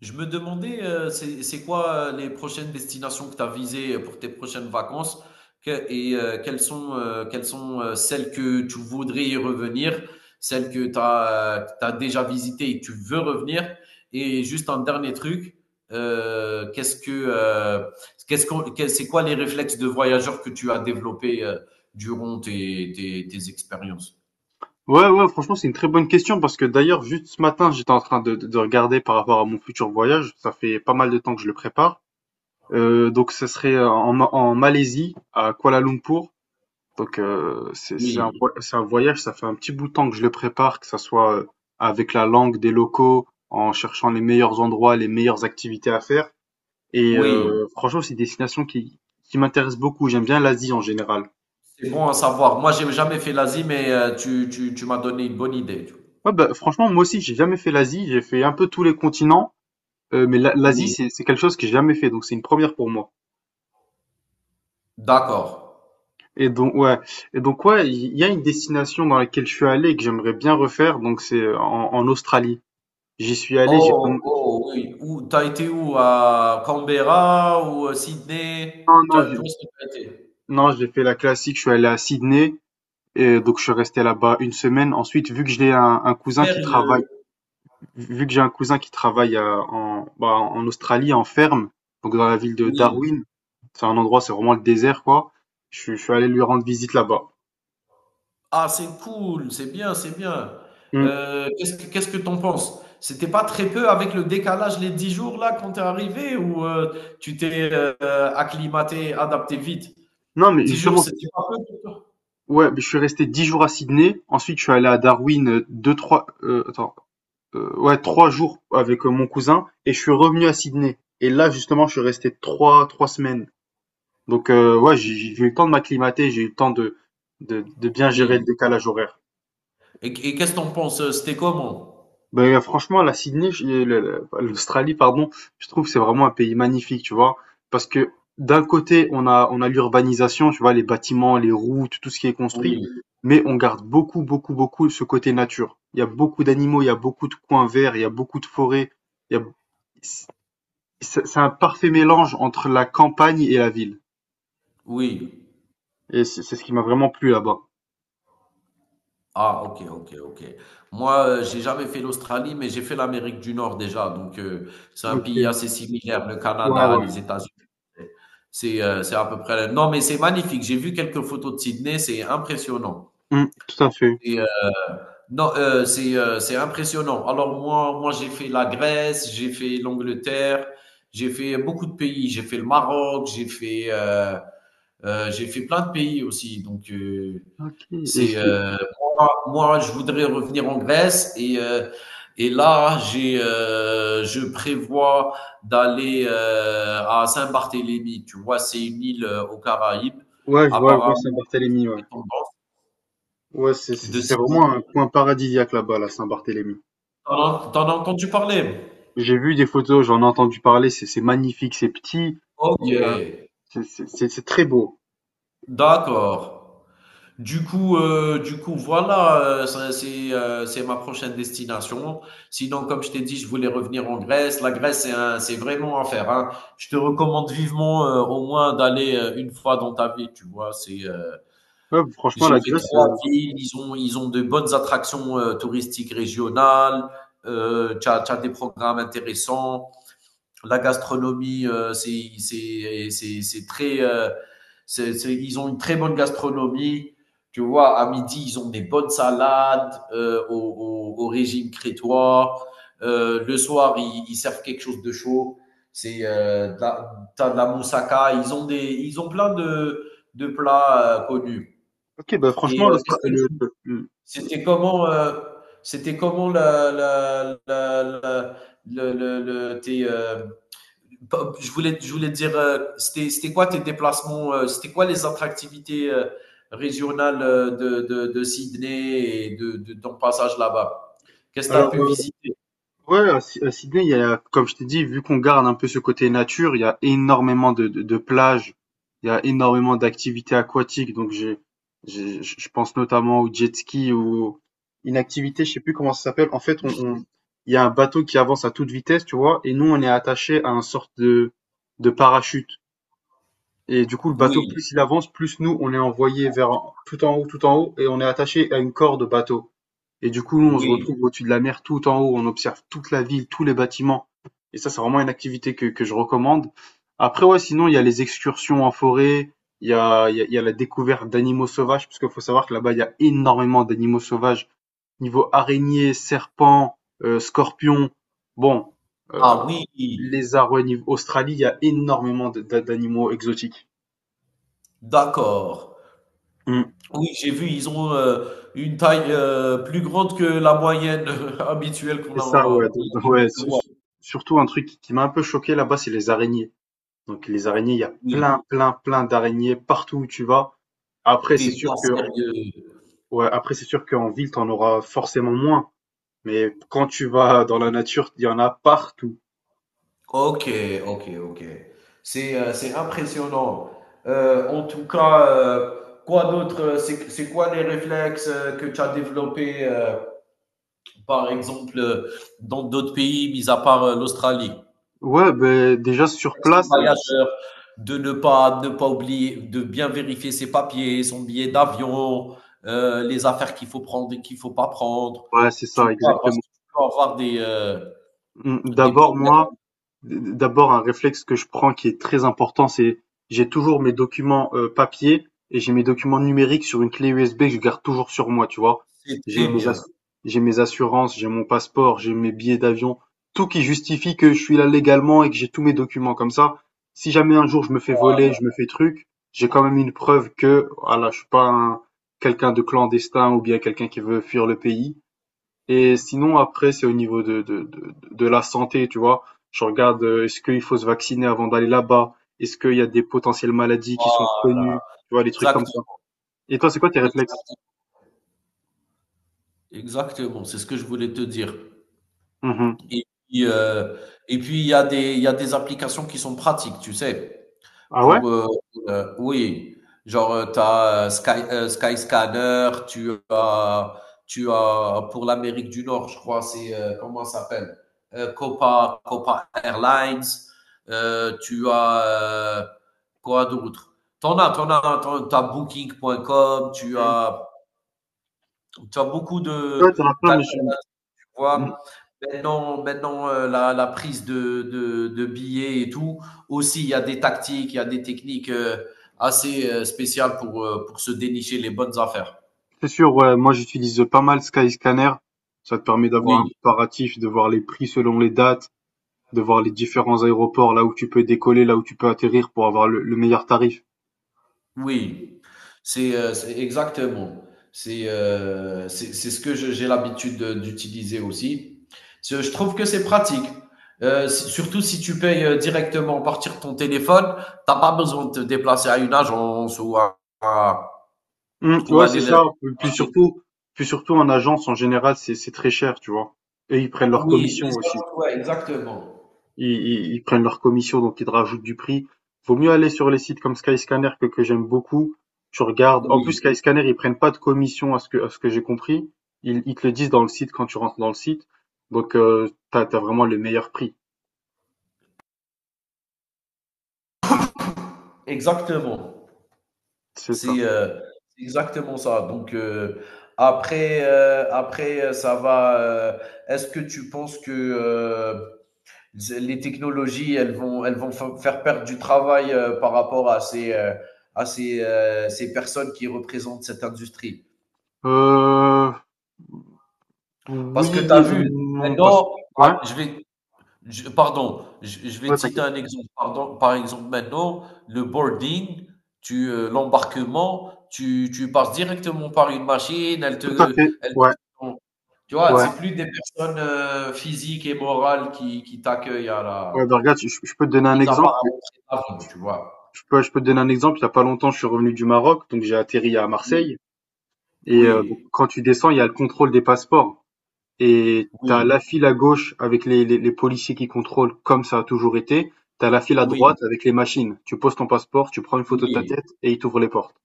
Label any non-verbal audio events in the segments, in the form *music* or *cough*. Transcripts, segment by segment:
Je me demandais, c'est quoi les prochaines destinations que tu as visées pour tes prochaines vacances quelles sont celles que tu voudrais y revenir, celles que tu as, déjà visitées et que tu veux revenir. Et juste un dernier truc, euh, qu'est-ce que, euh, c'est quoi les réflexes de voyageurs que tu as développés durant tes expériences? Ouais, ouais, franchement, c'est une très bonne question parce que d'ailleurs, juste ce matin, j'étais en train de regarder par rapport à mon futur voyage. Ça fait pas mal de temps que je le prépare. Donc, ça serait en Malaisie, à Kuala Lumpur. Donc, c'est c'est un, Oui, vo- c'est un voyage, ça fait un petit bout de temps que je le prépare, que ça soit avec la langue des locaux, en cherchant les meilleurs endroits, les meilleures activités à faire. Et oui. Franchement, c'est une destination qui m'intéresse beaucoup. J'aime bien l'Asie en général. C'est bon à savoir. Moi, j'ai jamais fait l'Asie, mais tu m'as donné une bonne idée. Ouais, bah, franchement, moi aussi, j'ai jamais fait l'Asie. J'ai fait un peu tous les continents. Mais l'Asie, Oui, c'est quelque chose que j'ai jamais fait, donc c'est une première pour moi. d'accord. Et donc ouais, et donc ouais, il y a une destination dans laquelle je suis allé et que j'aimerais bien refaire, donc c'est en Australie. J'y suis allé. J'ai Oh, oh oui. Où t'as été où? À Canberra ou, Non, Sydney? Tu non, as tu où est-ce que tu été? J'ai fait la classique, je suis allé à Sydney et donc je suis resté là-bas une semaine. Ensuite, Sérieux? vu que j'ai un cousin qui travaille en Australie en ferme, donc dans la ville de Oui. Darwin, c'est un endroit, c'est vraiment le désert quoi. Je suis allé lui rendre visite là-bas. Ah, c'est cool, c'est bien, c'est bien. Hum. Qu'est-ce que tu penses? C'était pas très peu avec le décalage, les 10 jours là quand t'es arrivé tu t'es, heu, acclimaté, adapté vite? Non mais 10 jours, justement. c'était pas peu pour toi? Ouais, mais je suis resté 10 jours à Sydney. Ensuite, je suis allé à Darwin, 2-3, attends, ouais, 3 jours avec, mon cousin et je suis revenu à Sydney. Et là, justement, je suis resté trois semaines. Donc, ouais, j'ai eu le temps de m'acclimater, j'ai eu le temps de bien gérer le Oui. décalage horaire. Et qu'est-ce que t'en penses? C'était comment? Beh, franchement, la Sydney, je- le- l'Australie, pardon, je trouve que c'est vraiment un pays magnifique, tu vois, parce que d'un côté, on a l'urbanisation, tu vois, les bâtiments, les routes, tout ce qui est construit, Oui. mais on garde beaucoup, beaucoup, beaucoup ce côté nature. Il y a beaucoup d'animaux, il y a beaucoup de coins verts, il y a beaucoup de forêts, il y a, c'est c'est un parfait mélange entre la campagne et la ville. Oui. Et c'est ce qui m'a vraiment plu là-bas. Ah, ok, ok, ok. Moi, j'ai jamais fait l'Australie, mais j'ai fait l'Amérique du Nord déjà. Donc, c'est un Ok, pays assez similaire, le ouais, Canada, ouais. les États-Unis. C'est à peu près. Non, mais c'est magnifique. J'ai vu quelques photos de Sydney, c'est impressionnant. Mm, tout à fait. Et, non, c'est impressionnant. Alors moi j'ai fait la Grèce, j'ai fait l'Angleterre, j'ai fait beaucoup de pays. J'ai fait le Maroc, j'ai fait plein de pays aussi. Donc, Ok. Et ce c'est que- moi, je voudrais revenir en Grèce et là, j'ai je prévois d'aller à Saint-Barthélemy. Tu vois, c'est une île aux Caraïbes, ouais, je vois apparemment Saint-Barthélemy, ouais. dépendante Ouais, c'est c'est- de c'est vraiment Simon. un coin paradisiaque là-bas, la Saint-Barthélemy. T'en t'en as entendu parler? J'ai vu des photos, j'en ai entendu parler, c'est magnifique, c'est petit. il Ok, y a- c'est c'est- c'est- c'est très beau. d'accord. Du coup, voilà, ça, c'est ma prochaine destination. Sinon, comme je t'ai dit, je voulais revenir en Grèce. La Grèce, c'est vraiment à faire, hein. Je te recommande vivement au moins d'aller une fois dans ta vie. Tu vois, c'est Ouais, franchement, la j'ai fait Grèce. trois villes. Ils ont de bonnes attractions touristiques régionales. T'as des programmes intéressants. La gastronomie, c'est très. Ils ont une très bonne gastronomie. Tu vois, à midi, ils ont des bonnes salades au régime crétois. Le soir, ils servent quelque chose de chaud. C'est euh, de la- t'as de la moussaka. Ils ont plein de plats connus. Ok, bah Et franchement, euh, qu'est-ce que tu- le- c'était comment, euh, c'était comment la, la, la, la- le- tes, je voulais te dire, c'était quoi tes déplacements, c'était quoi les attractivités régionales de Sydney et de ton passage là-bas? Qu'est-ce que tu as alors pu euh, visiter? Ouais, à Sydney, il y a, comme je t'ai dit, vu qu'on garde un peu ce côté nature, il y a énormément de plages, il y a énormément d'activités aquatiques. Donc, je pense notamment au jet ski ou une activité, je sais plus comment ça s'appelle. En fait, il y a un bateau qui avance à toute vitesse, tu vois, et nous, on est attaché à un sorte de parachute. Et du coup, le bateau, Oui, plus il avance, plus nous, on est envoyé tout en haut, et on est attaché à une corde bateau. Et du coup, nous, on se oui. retrouve au-dessus de la mer, tout en haut, on observe toute la ville, tous les bâtiments. Et ça, c'est vraiment une activité que je recommande. Après, ouais, sinon, il y a les excursions en forêt, il y a, il y a, il y a la découverte d'animaux sauvages, parce qu'il faut savoir que là-bas, il y a énormément d'animaux sauvages, niveau araignées, serpents, scorpions. Bon, euh, Ah oui, lézards, ouais, niveau Australie, il y a énormément d'animaux exotiques. d'accord. Mm. Oui, j'ai vu, ils ont une taille plus grande que la moyenne *laughs* habituelle qu'on Et ça, a. ouais, ouais, surtout un truc qui m'a un peu choqué là-bas, c'est les araignées. Donc les araignées, il y a Oui, plein, plein, plein d'araignées partout où tu vas. Après, c'est t'es sûr pas que, sérieux. ouais, après, c'est sûr qu'en ville, t'en auras forcément moins. Mais quand tu vas dans la nature, il y en a partout. Ok, ok, ok. C'est impressionnant. En tout cas, quoi d'autre? C'est quoi les réflexes que tu as développés, par exemple, dans d'autres pays, mis à part l'Australie? Ouais, ben déjà sur Réflexe du place, voyageur, de ne pas, ne pas oublier, de bien vérifier ses papiers, son billet d'avion, les affaires qu'il faut prendre et qu'il faut pas prendre. ouais, c'est ça, Tu vois, parce exactement. que tu peux avoir Mmh, des d'abord problèmes. moi, d d'abord un réflexe que je prends qui est très important, c'est j'ai toujours mes documents, papier et j'ai mes documents numériques sur une clé USB que je garde toujours sur moi, tu vois? C'est J'ai très mes bien. assu j'ai mes assurances, j'ai mon passeport, j'ai mes billets d'avion, tout qui justifie que je suis là légalement et que j'ai tous mes documents comme ça. Si jamais un jour je me fais voler, Voilà, je me fais truc, j'ai quand même une preuve que voilà, je suis pas un quelqu'un de clandestin ou bien quelqu'un qui veut fuir le pays. Et sinon, après, c'est au niveau de la santé, tu vois. Je regarde, est-ce qu'il faut se vacciner avant d'aller là-bas? Est-ce qu'il y a des potentielles maladies qui sont voilà, reconnues? Tu vois, des trucs exact. comme ça. Et toi, c'est quoi tes réflexes? Exactement, c'est ce que je voulais te dire. Mhm. Et puis, heu, et puis il y a des applications qui sont pratiques, tu sais? Ah ouais? Pour, heu, oui, tu as, Skyscanner, tu as pour l'Amérique du Nord, je crois, comment ça s'appelle? Copa Airlines, tu as, quoi d'autre? T'en as t'en as t'en en tu as Booking.com, Mhm. Tu as beaucoup Ouais, de t'en as plein, mais je. Mhm. vois? Maintenant, la prise de billets et tout, aussi il y a des techniques, assez, spéciales pour se dénicher les bonnes affaires. C'est sûr, ouais. Moi, j'utilise pas mal Skyscanner. Ça te permet d'avoir un Oui, comparatif, de voir les prix selon les dates, de voir les différents aéroports, là où tu peux décoller, là où tu peux atterrir pour avoir le meilleur tarif. oui. C'est exactement. C'est ce que je j'ai l'habitude de d'utiliser aussi. Ce je trouve que c'est pratique, s surtout si tu payes, directement à partir de ton téléphone, t'as pas besoin de te déplacer à une agence ou à Mmh, ou ouais, c'est aller le. ça. Puis surtout en agence, en général, c'est très cher, tu vois. Et ils prennent leur Oui, les commission aussi. agents ouais, exactement. Ils prennent leur commission, donc ils te rajoutent du prix. Vaut mieux aller sur les sites comme Skyscanner que j'aime beaucoup. Tu regardes. En plus, Oui, Skyscanner, ils prennent pas de commission à ce que j'ai compris. Ils te le disent dans le site quand tu rentres dans le site. Donc, t'as vraiment le meilleur prix. exactement. C'est ça. C'est, heu, c'est exactement ça. Ça va, heu, est-ce que tu penses que, les technologies, elles vont fa faire perdre du travail, par rapport à à ces personnes qui représentent cette industrie? Euh, oui Parce que tu as et vu, non, pas. maintenant, Ouais, ah, je vais Je pardon, je vais te ouais, citer t'inquiète. un exemple. Pardon, par exemple, maintenant, le boarding, l'embarquement, tu passes directement par une machine, Tout à fait. elle te Ouais, tu vois? ouais. C'est plus des personnes, physiques et morales qui t'accueillent à Ouais, la ben regarde, je peux te donner un mis à part exemple. à l'entrée l'avion, tu vois? Je peux te donner un exemple, il y a pas longtemps, je suis revenu du Maroc, donc j'ai atterri à Oui, Marseille et donc oui, quand tu descends, il y a le contrôle des passeports et t'as oui, la file à gauche avec les policiers qui contrôlent comme ça a toujours été. T'as la file à oui, droite avec les machines. Tu poses ton passeport, tu prends une photo de ta oui. tête et ils t'ouvrent les portes.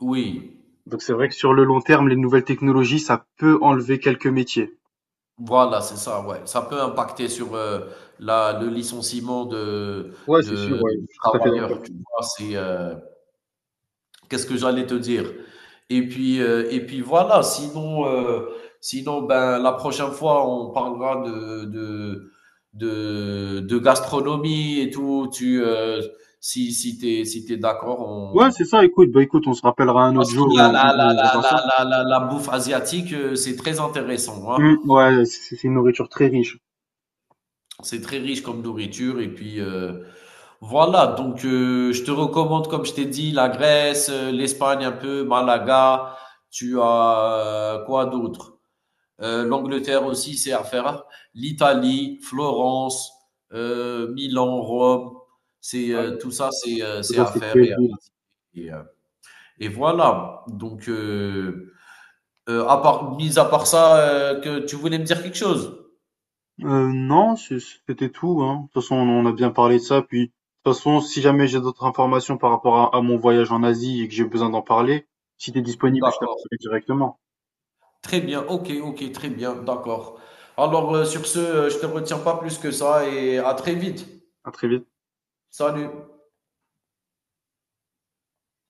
oui. Donc c'est vrai que sur le long terme, les nouvelles technologies, ça peut enlever quelques métiers. Voilà, c'est ça, ouais. Ça peut impacter sur, la le licenciement Ouais, c'est sûr, ouais, de je suis tout à fait d'accord. travailleurs, tu vois? Qu'est-ce que j'allais te dire? Et puis voilà, sinon, ben, la prochaine fois, on parlera de gastronomie et tout. Si si tu es si t'es d'accord, Ouais, on c'est ça, écoute, on se rappellera un parce autre que jour et on on on verra ça. La bouffe asiatique, c'est très intéressant, Mmh, hein. ouais, c'est une nourriture très riche. C'est très riche comme nourriture et puis, voilà donc, je te recommande, comme je t'ai dit, la Grèce, l'Espagne un peu, Malaga. Tu as quoi d'autre? L'Angleterre aussi, c'est à faire, hein. L'Italie, Florence, Milan, Rome, c'est Ouais, tout ça, c'est ça à c'est faire et à visiter. Et, euh, et voilà. À part, mis à part ça, que tu voulais me dire quelque chose? Non, c'était tout, hein. De toute façon, on a bien parlé de ça, puis de toute façon, si jamais j'ai d'autres informations par rapport à mon voyage en Asie et que j'ai besoin d'en parler, si t'es disponible, je D'accord. t'appelle directement. Très bien. Ok, ok, très bien. D'accord. Alors, sur ce, je te retiens pas plus que ça et à très vite. À très vite. Salut.